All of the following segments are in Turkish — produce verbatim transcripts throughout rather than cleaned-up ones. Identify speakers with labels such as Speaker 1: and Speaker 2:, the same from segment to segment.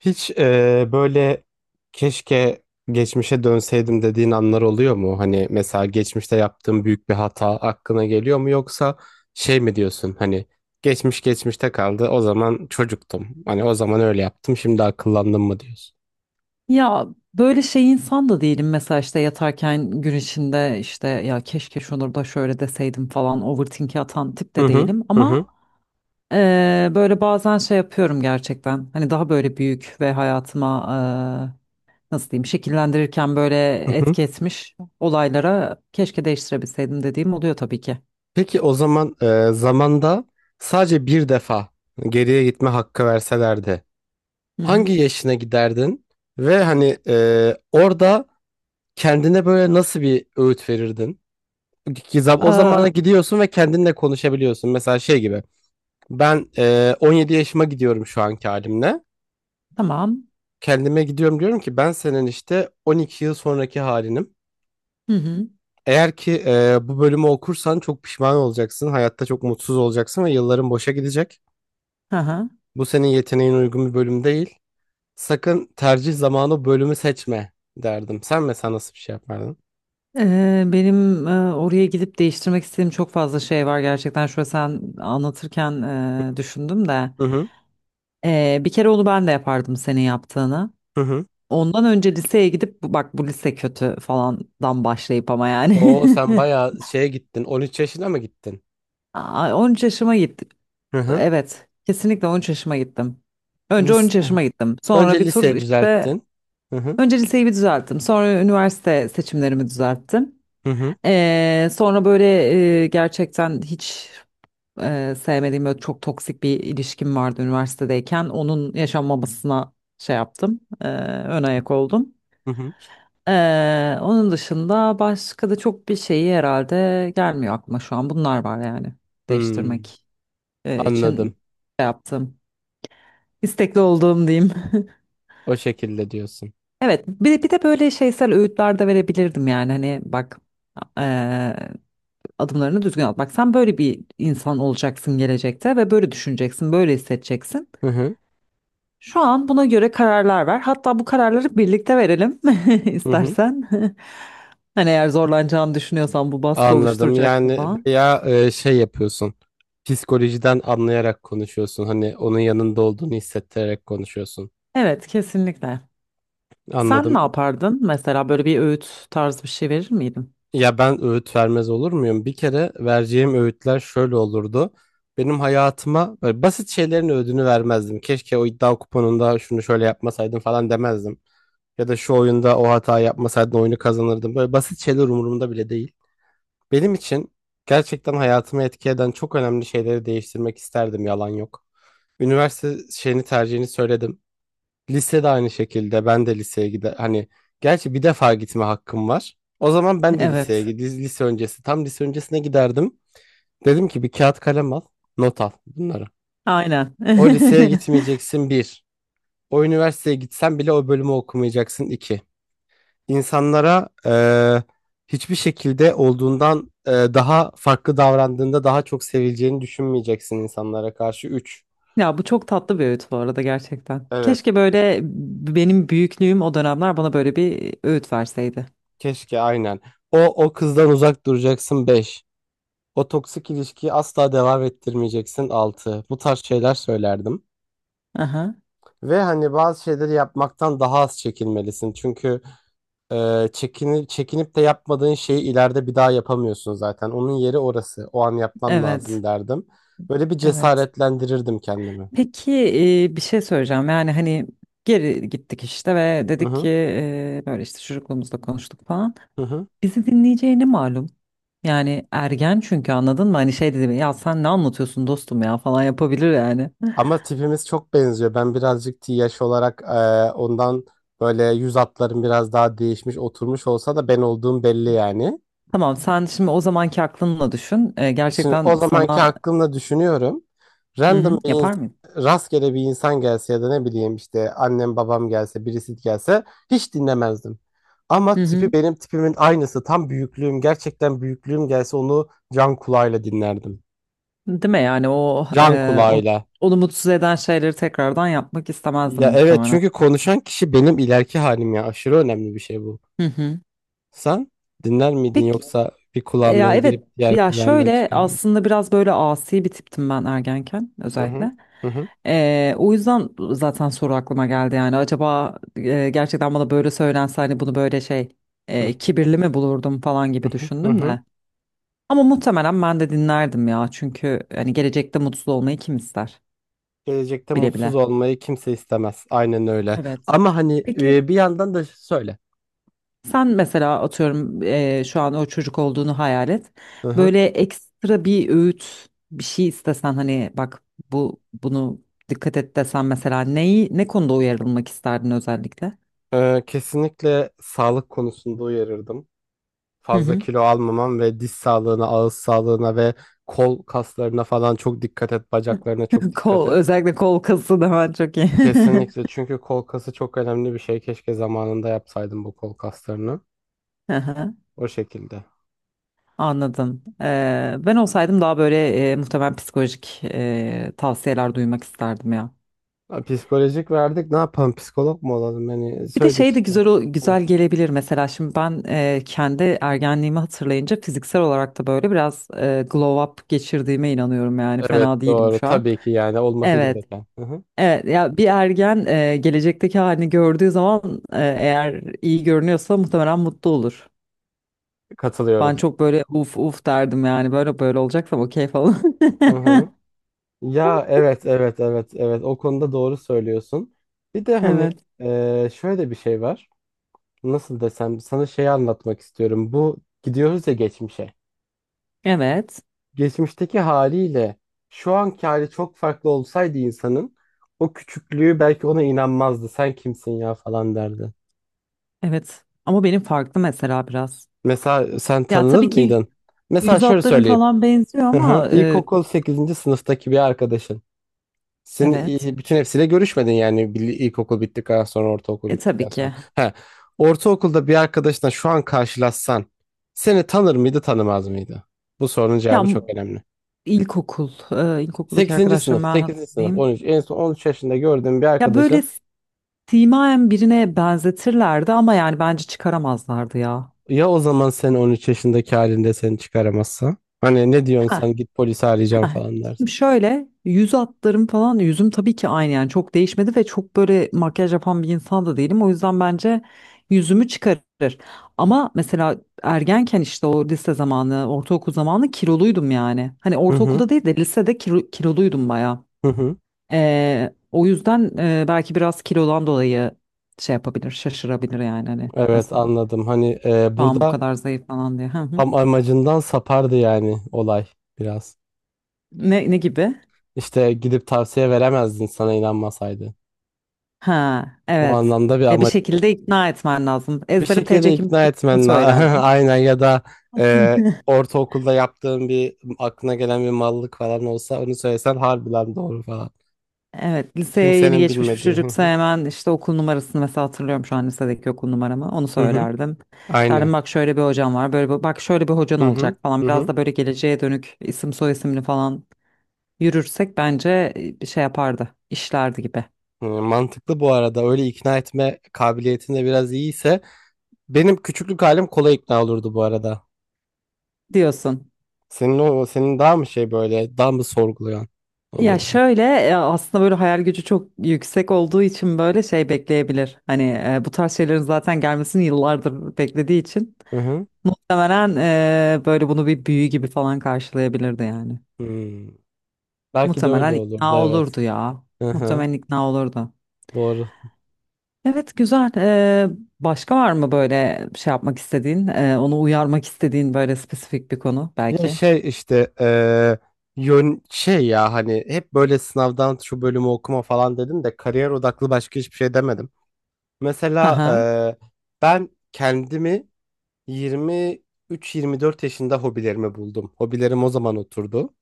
Speaker 1: Hiç eee, böyle keşke geçmişe dönseydim dediğin anlar oluyor mu? Hani mesela geçmişte yaptığın büyük bir hata aklına geliyor mu, yoksa şey mi diyorsun, hani geçmiş geçmişte kaldı, o zaman çocuktum? Hani o zaman öyle yaptım, şimdi akıllandım mı diyorsun?
Speaker 2: Ya böyle şey insan da değilim mesela işte yatarken gün içinde işte ya keşke şunu da şöyle deseydim falan overthinking atan tip
Speaker 1: Hı
Speaker 2: de
Speaker 1: hı.
Speaker 2: değilim
Speaker 1: Hı hı.
Speaker 2: ama eee, böyle bazen şey yapıyorum gerçekten hani daha böyle büyük ve hayatıma eee, nasıl diyeyim şekillendirirken böyle
Speaker 1: Hı hı.
Speaker 2: etki etmiş olaylara keşke değiştirebilseydim dediğim oluyor tabii ki.
Speaker 1: Peki o zaman eee, zamanda sadece bir defa geriye gitme hakkı verselerdi
Speaker 2: Hı hı.
Speaker 1: hangi yaşına giderdin ve hani eee, orada kendine böyle nasıl bir öğüt verirdin? Gizap o
Speaker 2: Aa,
Speaker 1: zamana gidiyorsun ve kendinle konuşabiliyorsun. Mesela şey gibi ben e, on yedi yaşıma gidiyorum şu anki halimle.
Speaker 2: tamam.
Speaker 1: Kendime gidiyorum, diyorum ki ben senin işte on iki yıl sonraki halinim.
Speaker 2: Hı hı.
Speaker 1: Eğer ki e, bu bölümü okursan çok pişman olacaksın. Hayatta çok mutsuz olacaksın ve yılların boşa gidecek.
Speaker 2: Hı hı.
Speaker 1: Bu senin yeteneğin uygun bir bölüm değil. Sakın tercih zamanı bölümü seçme derdim. Sen mesela nasıl bir şey yapardın?
Speaker 2: Ee, benim e, oraya gidip değiştirmek istediğim çok fazla şey var gerçekten. Şöyle sen anlatırken e, düşündüm de.
Speaker 1: Hı hı.
Speaker 2: Ee, bir kere onu ben de yapardım senin yaptığını.
Speaker 1: Hı hı.
Speaker 2: Ondan önce liseye gidip "Bu- bak bu lise kötü falandan başlayıp ama yani.
Speaker 1: Oo, sen bayağı şeye gittin. on üç yaşına mı gittin?
Speaker 2: Aa, on üç yaşıma gittim.
Speaker 1: Hı hı.
Speaker 2: Evet, kesinlikle on üç yaşıma gittim. Önce on
Speaker 1: Lis-
Speaker 2: üç yaşıma gittim. Sonra
Speaker 1: Önce
Speaker 2: bir tur
Speaker 1: liseyi
Speaker 2: işte
Speaker 1: düzelttin. Hı hı.
Speaker 2: önce liseyi bir düzelttim. Sonra üniversite seçimlerimi düzelttim.
Speaker 1: Hı hı.
Speaker 2: Ee, sonra böyle e, gerçekten hiç e, sevmediğim böyle çok toksik bir ilişkim vardı üniversitedeyken. Onun yaşanmamasına şey yaptım. E, ön ayak oldum.
Speaker 1: Hı hı.
Speaker 2: E, onun dışında başka da çok bir şeyi herhalde gelmiyor aklıma şu an. Bunlar var yani
Speaker 1: Hmm,
Speaker 2: değiştirmek e, için
Speaker 1: anladım.
Speaker 2: şey yaptım. İstekli olduğum diyeyim.
Speaker 1: O şekilde diyorsun.
Speaker 2: Evet, bir, bir de böyle şeysel öğütler de verebilirdim yani hani bak eee, adımlarını düzgün at. Bak sen böyle bir insan olacaksın gelecekte ve böyle düşüneceksin, böyle hissedeceksin.
Speaker 1: Hı hı.
Speaker 2: Şu an buna göre kararlar ver. Hatta bu kararları birlikte verelim
Speaker 1: Hı hı.
Speaker 2: istersen. Hani eğer zorlanacağını düşünüyorsan bu baskı
Speaker 1: Anladım.
Speaker 2: oluşturacak
Speaker 1: Yani
Speaker 2: falan.
Speaker 1: bayağı e, şey yapıyorsun. Psikolojiden anlayarak konuşuyorsun. Hani onun yanında olduğunu hissettirerek konuşuyorsun.
Speaker 2: Evet, kesinlikle. Sen ne
Speaker 1: Anladım.
Speaker 2: yapardın? Mesela böyle bir öğüt tarzı bir şey verir miydin?
Speaker 1: Ya ben öğüt vermez olur muyum? Bir kere, vereceğim öğütler şöyle olurdu. Benim hayatıma böyle basit şeylerin öğüdünü vermezdim. Keşke o iddia kuponunda şunu şöyle yapmasaydım falan demezdim. Ya da şu oyunda o hata yapmasaydın oyunu kazanırdım. Böyle basit şeyler umurumda bile değil. Benim için gerçekten hayatımı etki eden çok önemli şeyleri değiştirmek isterdim, yalan yok. Üniversite şeyini, tercihini söyledim. Lise de aynı şekilde, ben de liseye gide hani, gerçi bir defa gitme hakkım var. O zaman ben de liseye
Speaker 2: Evet.
Speaker 1: gid- lise öncesi, tam lise öncesine giderdim. Dedim ki bir kağıt kalem al, not al bunları.
Speaker 2: Aynen.
Speaker 1: O liseye gitmeyeceksin, bir. O üniversiteye gitsen bile o bölümü okumayacaksın, iki. İnsanlara eee, hiçbir şekilde olduğundan eee, daha farklı davrandığında daha çok sevileceğini düşünmeyeceksin insanlara karşı, üç.
Speaker 2: Ya bu çok tatlı bir öğüt bu arada gerçekten.
Speaker 1: Evet.
Speaker 2: Keşke böyle benim büyüklüğüm o dönemler bana böyle bir öğüt verseydi.
Speaker 1: Keşke aynen. O, o kızdan uzak duracaksın, beş. O toksik ilişkiyi asla devam ettirmeyeceksin, altı. Bu tarz şeyler söylerdim.
Speaker 2: Aha,
Speaker 1: Ve hani bazı şeyleri yapmaktan daha az çekinmelisin. Çünkü Ee, çekini- çekinip de yapmadığın şeyi ileride bir daha yapamıyorsun zaten. Onun yeri orası. O an yapman
Speaker 2: evet.
Speaker 1: lazım derdim. Böyle bir
Speaker 2: Evet.
Speaker 1: cesaretlendirirdim kendimi.
Speaker 2: Peki e, bir şey söyleyeceğim. Yani hani geri gittik işte ve
Speaker 1: Hı
Speaker 2: dedik ki
Speaker 1: hı,
Speaker 2: e, böyle işte çocukluğumuzda konuştuk falan.
Speaker 1: hı hı.
Speaker 2: Bizi dinleyeceğini malum. Yani ergen çünkü anladın mı? Hani şey dedi ya sen ne anlatıyorsun dostum ya falan yapabilir yani.
Speaker 1: Ama tipimiz çok benziyor. Ben birazcık T yaş olarak e, ondan böyle yüz hatlarım biraz daha değişmiş, oturmuş olsa da ben olduğum belli yani.
Speaker 2: Tamam sen şimdi o zamanki aklınla düşün. E,
Speaker 1: Şimdi
Speaker 2: gerçekten
Speaker 1: o zamanki
Speaker 2: sana
Speaker 1: aklımla düşünüyorum.
Speaker 2: Hı
Speaker 1: Random
Speaker 2: hı.
Speaker 1: bir insan,
Speaker 2: yapar mıyım?
Speaker 1: rastgele bir insan gelse, ya da ne bileyim işte annem babam gelse, birisi gelse hiç dinlemezdim.
Speaker 2: Hı
Speaker 1: Ama tipi
Speaker 2: hı.
Speaker 1: benim tipimin aynısı, tam büyüklüğüm, gerçekten büyüklüğüm gelse, onu can kulağıyla dinlerdim.
Speaker 2: Değil mi yani o
Speaker 1: Can
Speaker 2: e, onu,
Speaker 1: kulağıyla.
Speaker 2: onu mutsuz eden şeyleri tekrardan yapmak istemezdim
Speaker 1: Ya evet,
Speaker 2: muhtemelen.
Speaker 1: çünkü konuşan kişi benim ileriki halim, ya aşırı önemli bir şey bu.
Speaker 2: Hı hı.
Speaker 1: Sen dinler miydin,
Speaker 2: Peki
Speaker 1: yoksa bir
Speaker 2: E, Ya
Speaker 1: kulağından
Speaker 2: evet
Speaker 1: girip diğer
Speaker 2: ya
Speaker 1: kulağından
Speaker 2: şöyle
Speaker 1: çıkar mıydın?
Speaker 2: aslında biraz böyle asi bir tiptim ben ergenken
Speaker 1: Hı hı.
Speaker 2: özellikle.
Speaker 1: Hı hı.
Speaker 2: E, o yüzden zaten soru aklıma geldi yani acaba e, gerçekten bana böyle söylense hani bunu böyle şey
Speaker 1: Hı
Speaker 2: e, kibirli mi bulurdum falan gibi
Speaker 1: hı. Hı
Speaker 2: düşündüm
Speaker 1: hı.
Speaker 2: de. Ama muhtemelen ben de dinlerdim ya çünkü hani gelecekte mutsuz olmayı kim ister
Speaker 1: Gelecekte
Speaker 2: bile
Speaker 1: mutsuz
Speaker 2: bile.
Speaker 1: olmayı kimse istemez. Aynen öyle.
Speaker 2: Evet.
Speaker 1: Ama hani
Speaker 2: Peki
Speaker 1: e, bir yandan da söyle.
Speaker 2: sen mesela atıyorum eee, şu an o çocuk olduğunu hayal et.
Speaker 1: Hı hı.
Speaker 2: Böyle ekstra bir öğüt bir şey istesen hani bak bu bunu dikkat et desen mesela neyi ne konuda uyarılmak isterdin özellikle?
Speaker 1: Ee, kesinlikle sağlık konusunda uyarırdım.
Speaker 2: Hı
Speaker 1: Fazla
Speaker 2: hı.
Speaker 1: kilo almaman ve diş sağlığına, ağız sağlığına ve kol kaslarına falan çok dikkat et. Bacaklarına çok dikkat
Speaker 2: Kol
Speaker 1: et.
Speaker 2: özellikle kol kası da ben çok iyi.
Speaker 1: Kesinlikle çünkü kol kası çok önemli bir şey. Keşke zamanında yapsaydım bu kol kaslarını.
Speaker 2: Hı hı,
Speaker 1: O şekilde.
Speaker 2: anladım. Eee, ben olsaydım daha böyle eee, muhtemelen psikolojik eee, tavsiyeler duymak isterdim ya.
Speaker 1: Ha, psikolojik verdik. Ne yapalım? Psikolog mu olalım? Hani
Speaker 2: Bir de
Speaker 1: söyledik
Speaker 2: şey de
Speaker 1: işte.
Speaker 2: güzel o-
Speaker 1: Hı.
Speaker 2: güzel gelebilir mesela şimdi ben e, kendi ergenliğimi hatırlayınca fiziksel olarak da böyle biraz e, glow up geçirdiğime inanıyorum yani
Speaker 1: Evet
Speaker 2: fena değilim
Speaker 1: doğru.
Speaker 2: şu an.
Speaker 1: Tabii ki, yani olması
Speaker 2: Evet.
Speaker 1: gereken. Hı hı.
Speaker 2: Evet ya bir ergen e, gelecekteki halini gördüğü zaman e, eğer iyi görünüyorsa muhtemelen mutlu olur. Ben
Speaker 1: Katılıyorum.
Speaker 2: çok böyle uf uf derdim yani böyle böyle olacaksam okey falan.
Speaker 1: Hı hı. Ya evet, evet, evet, evet, o konuda doğru söylüyorsun. Bir de hani
Speaker 2: Evet.
Speaker 1: e, şöyle bir şey var. Nasıl desem, sana şeyi anlatmak istiyorum. Bu gidiyoruz ya geçmişe.
Speaker 2: Evet.
Speaker 1: Geçmişteki haliyle şu anki hali çok farklı olsaydı insanın, o küçüklüğü belki ona inanmazdı. Sen kimsin ya falan derdi.
Speaker 2: Evet. Ama benim farklı mesela biraz.
Speaker 1: Mesela sen
Speaker 2: Ya
Speaker 1: tanınır
Speaker 2: tabii ki
Speaker 1: mıydın? Mesela
Speaker 2: yüz
Speaker 1: şöyle
Speaker 2: hatlarım
Speaker 1: söyleyeyim.
Speaker 2: falan benziyor
Speaker 1: Hı hı.
Speaker 2: ama e,
Speaker 1: İlkokul sekizinci sınıftaki bir arkadaşın. Sen
Speaker 2: evet.
Speaker 1: e, bütün hepsiyle görüşmedin yani, Bil- ilkokul bittikten sonra, ortaokul
Speaker 2: E tabii
Speaker 1: bittikten sonra.
Speaker 2: ki.
Speaker 1: He. Ortaokulda bir arkadaşla şu an karşılaşsan seni tanır mıydı, tanımaz mıydı? Bu sorunun
Speaker 2: Ya
Speaker 1: cevabı
Speaker 2: m-
Speaker 1: çok önemli.
Speaker 2: ilkokul, e, ilkokuldaki
Speaker 1: Sekizinci sınıf,
Speaker 2: arkadaşlarımı ben
Speaker 1: sekizinci sınıf, on
Speaker 2: hatırlayayım.
Speaker 1: üç En son on üç yaşında gördüğün bir
Speaker 2: Ya böyle
Speaker 1: arkadaşın,
Speaker 2: simayen birine benzetirlerdi ama yani bence çıkaramazlardı ya.
Speaker 1: ya o zaman sen on üç yaşındaki halinde seni çıkaramazsa? Hani ne diyorsun,
Speaker 2: Heh,
Speaker 1: sen git polisi arayacağım
Speaker 2: heh.
Speaker 1: falan
Speaker 2: Şimdi
Speaker 1: dersin.
Speaker 2: şöyle yüz hatlarım falan yüzüm tabii ki aynı yani çok değişmedi ve çok böyle makyaj yapan bir insan da değilim. O yüzden bence yüzümü çıkarır. Ama mesela ergenken işte o lise zamanı, ortaokul zamanı kiloluydum yani. Hani
Speaker 1: Hı hı,
Speaker 2: ortaokulda değil de lisede kilo, kiloluydum bayağı.
Speaker 1: hı hı.
Speaker 2: Ee, o yüzden e, belki biraz kilodan dolayı şey yapabilir, şaşırabilir yani hani
Speaker 1: Evet,
Speaker 2: nasıl
Speaker 1: anladım. Hani e,
Speaker 2: şu an bu
Speaker 1: burada
Speaker 2: kadar zayıf falan diye. Hı hı.
Speaker 1: tam amacından sapardı yani olay biraz.
Speaker 2: Ne, ne gibi?
Speaker 1: İşte gidip tavsiye veremezdin, sana inanmasaydı.
Speaker 2: Ha,
Speaker 1: O
Speaker 2: evet.
Speaker 1: anlamda bir,
Speaker 2: E, bir
Speaker 1: ama
Speaker 2: şekilde ikna etmen lazım.
Speaker 1: bir
Speaker 2: Ezbere
Speaker 1: şekilde
Speaker 2: T C
Speaker 1: ikna
Speaker 2: kimliğini
Speaker 1: etmen la-
Speaker 2: söylerdim.
Speaker 1: aynen, ya da e, ortaokulda yaptığın, bir aklına gelen bir mallık falan olsa onu söylesen, harbiden doğru falan.
Speaker 2: Evet, liseye yeni
Speaker 1: Kimsenin
Speaker 2: geçmiş bir
Speaker 1: bilmediği. Hı
Speaker 2: çocuksa
Speaker 1: hı.
Speaker 2: hemen işte okul numarasını mesela hatırlıyorum şu an lisedeki okul numaramı. Onu
Speaker 1: Hı hı.
Speaker 2: söylerdim. Derdim
Speaker 1: Aynen.
Speaker 2: bak şöyle bir hocam var, böyle bir- bak şöyle bir hocan
Speaker 1: Hı hı.
Speaker 2: olacak falan.
Speaker 1: Hı
Speaker 2: Biraz da
Speaker 1: hı.
Speaker 2: böyle geleceğe dönük isim soy isimli falan yürürsek bence e, bir şey yapardı, işlerdi gibi
Speaker 1: Hı, mantıklı bu arada. Öyle ikna etme kabiliyetinde de biraz iyiyse benim küçüklük halim kolay ikna olurdu bu arada.
Speaker 2: diyorsun.
Speaker 1: Senin, o senin daha mı şey, böyle daha mı sorgulayan
Speaker 2: Ya
Speaker 1: olurdu?
Speaker 2: şöyle e, aslında böyle hayal gücü çok yüksek olduğu için böyle şey bekleyebilir. Hani e, bu tarz şeylerin zaten gelmesini yıllardır beklediği için
Speaker 1: Hı hı.
Speaker 2: muhtemelen e, böyle bunu bir büyü gibi falan karşılayabilirdi yani.
Speaker 1: Hı. Belki de öyle
Speaker 2: Muhtemelen ikna
Speaker 1: olurdu, evet.
Speaker 2: olurdu ya.
Speaker 1: Hı hı,
Speaker 2: Muhtemelen ikna olurdu.
Speaker 1: doğru.
Speaker 2: Evet, güzel. E, başka var mı böyle şey yapmak istediğin, e, onu uyarmak istediğin böyle spesifik bir konu
Speaker 1: Ya
Speaker 2: belki?
Speaker 1: şey işte eee, yön şey ya, hani hep böyle sınavdan şu bölümü okuma falan dedim de kariyer odaklı başka hiçbir şey demedim.
Speaker 2: Hı
Speaker 1: Mesela
Speaker 2: hı.
Speaker 1: eee, ben kendimi yirmi üç, yirmi dört yaşında hobilerimi buldum. Hobilerim o zaman oturdu.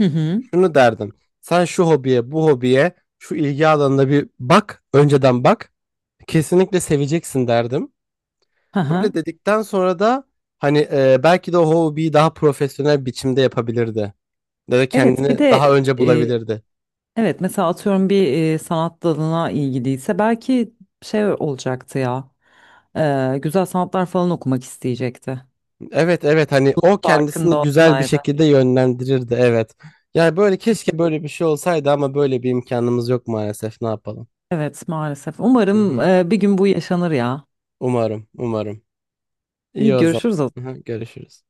Speaker 2: Hı hı.
Speaker 1: Şunu derdim. Sen şu hobiye, bu hobiye, şu ilgi alanına bir bak, önceden bak. Kesinlikle seveceksin derdim.
Speaker 2: Hı
Speaker 1: Böyle
Speaker 2: hı.
Speaker 1: dedikten sonra da hani e, belki de o hobiyi daha profesyonel biçimde yapabilirdi. Ya da
Speaker 2: Evet bir
Speaker 1: kendini
Speaker 2: de
Speaker 1: daha önce
Speaker 2: e,
Speaker 1: bulabilirdi.
Speaker 2: evet mesela atıyorum bir e, sanat dalına ilgiliyse belki şey olacaktı ya E, güzel sanatlar falan okumak isteyecekti.
Speaker 1: Evet, evet, hani o kendisini
Speaker 2: Farkında
Speaker 1: güzel bir
Speaker 2: olsaydı.
Speaker 1: şekilde yönlendirirdi, evet. Yani böyle, keşke böyle bir şey olsaydı ama böyle bir imkanımız yok maalesef, ne yapalım.
Speaker 2: Evet maalesef
Speaker 1: Hı
Speaker 2: umarım
Speaker 1: hı.
Speaker 2: e, bir gün bu yaşanır ya.
Speaker 1: Umarım, umarım.
Speaker 2: İyi
Speaker 1: İyi o zaman.
Speaker 2: görüşürüz o
Speaker 1: Hı hı, görüşürüz.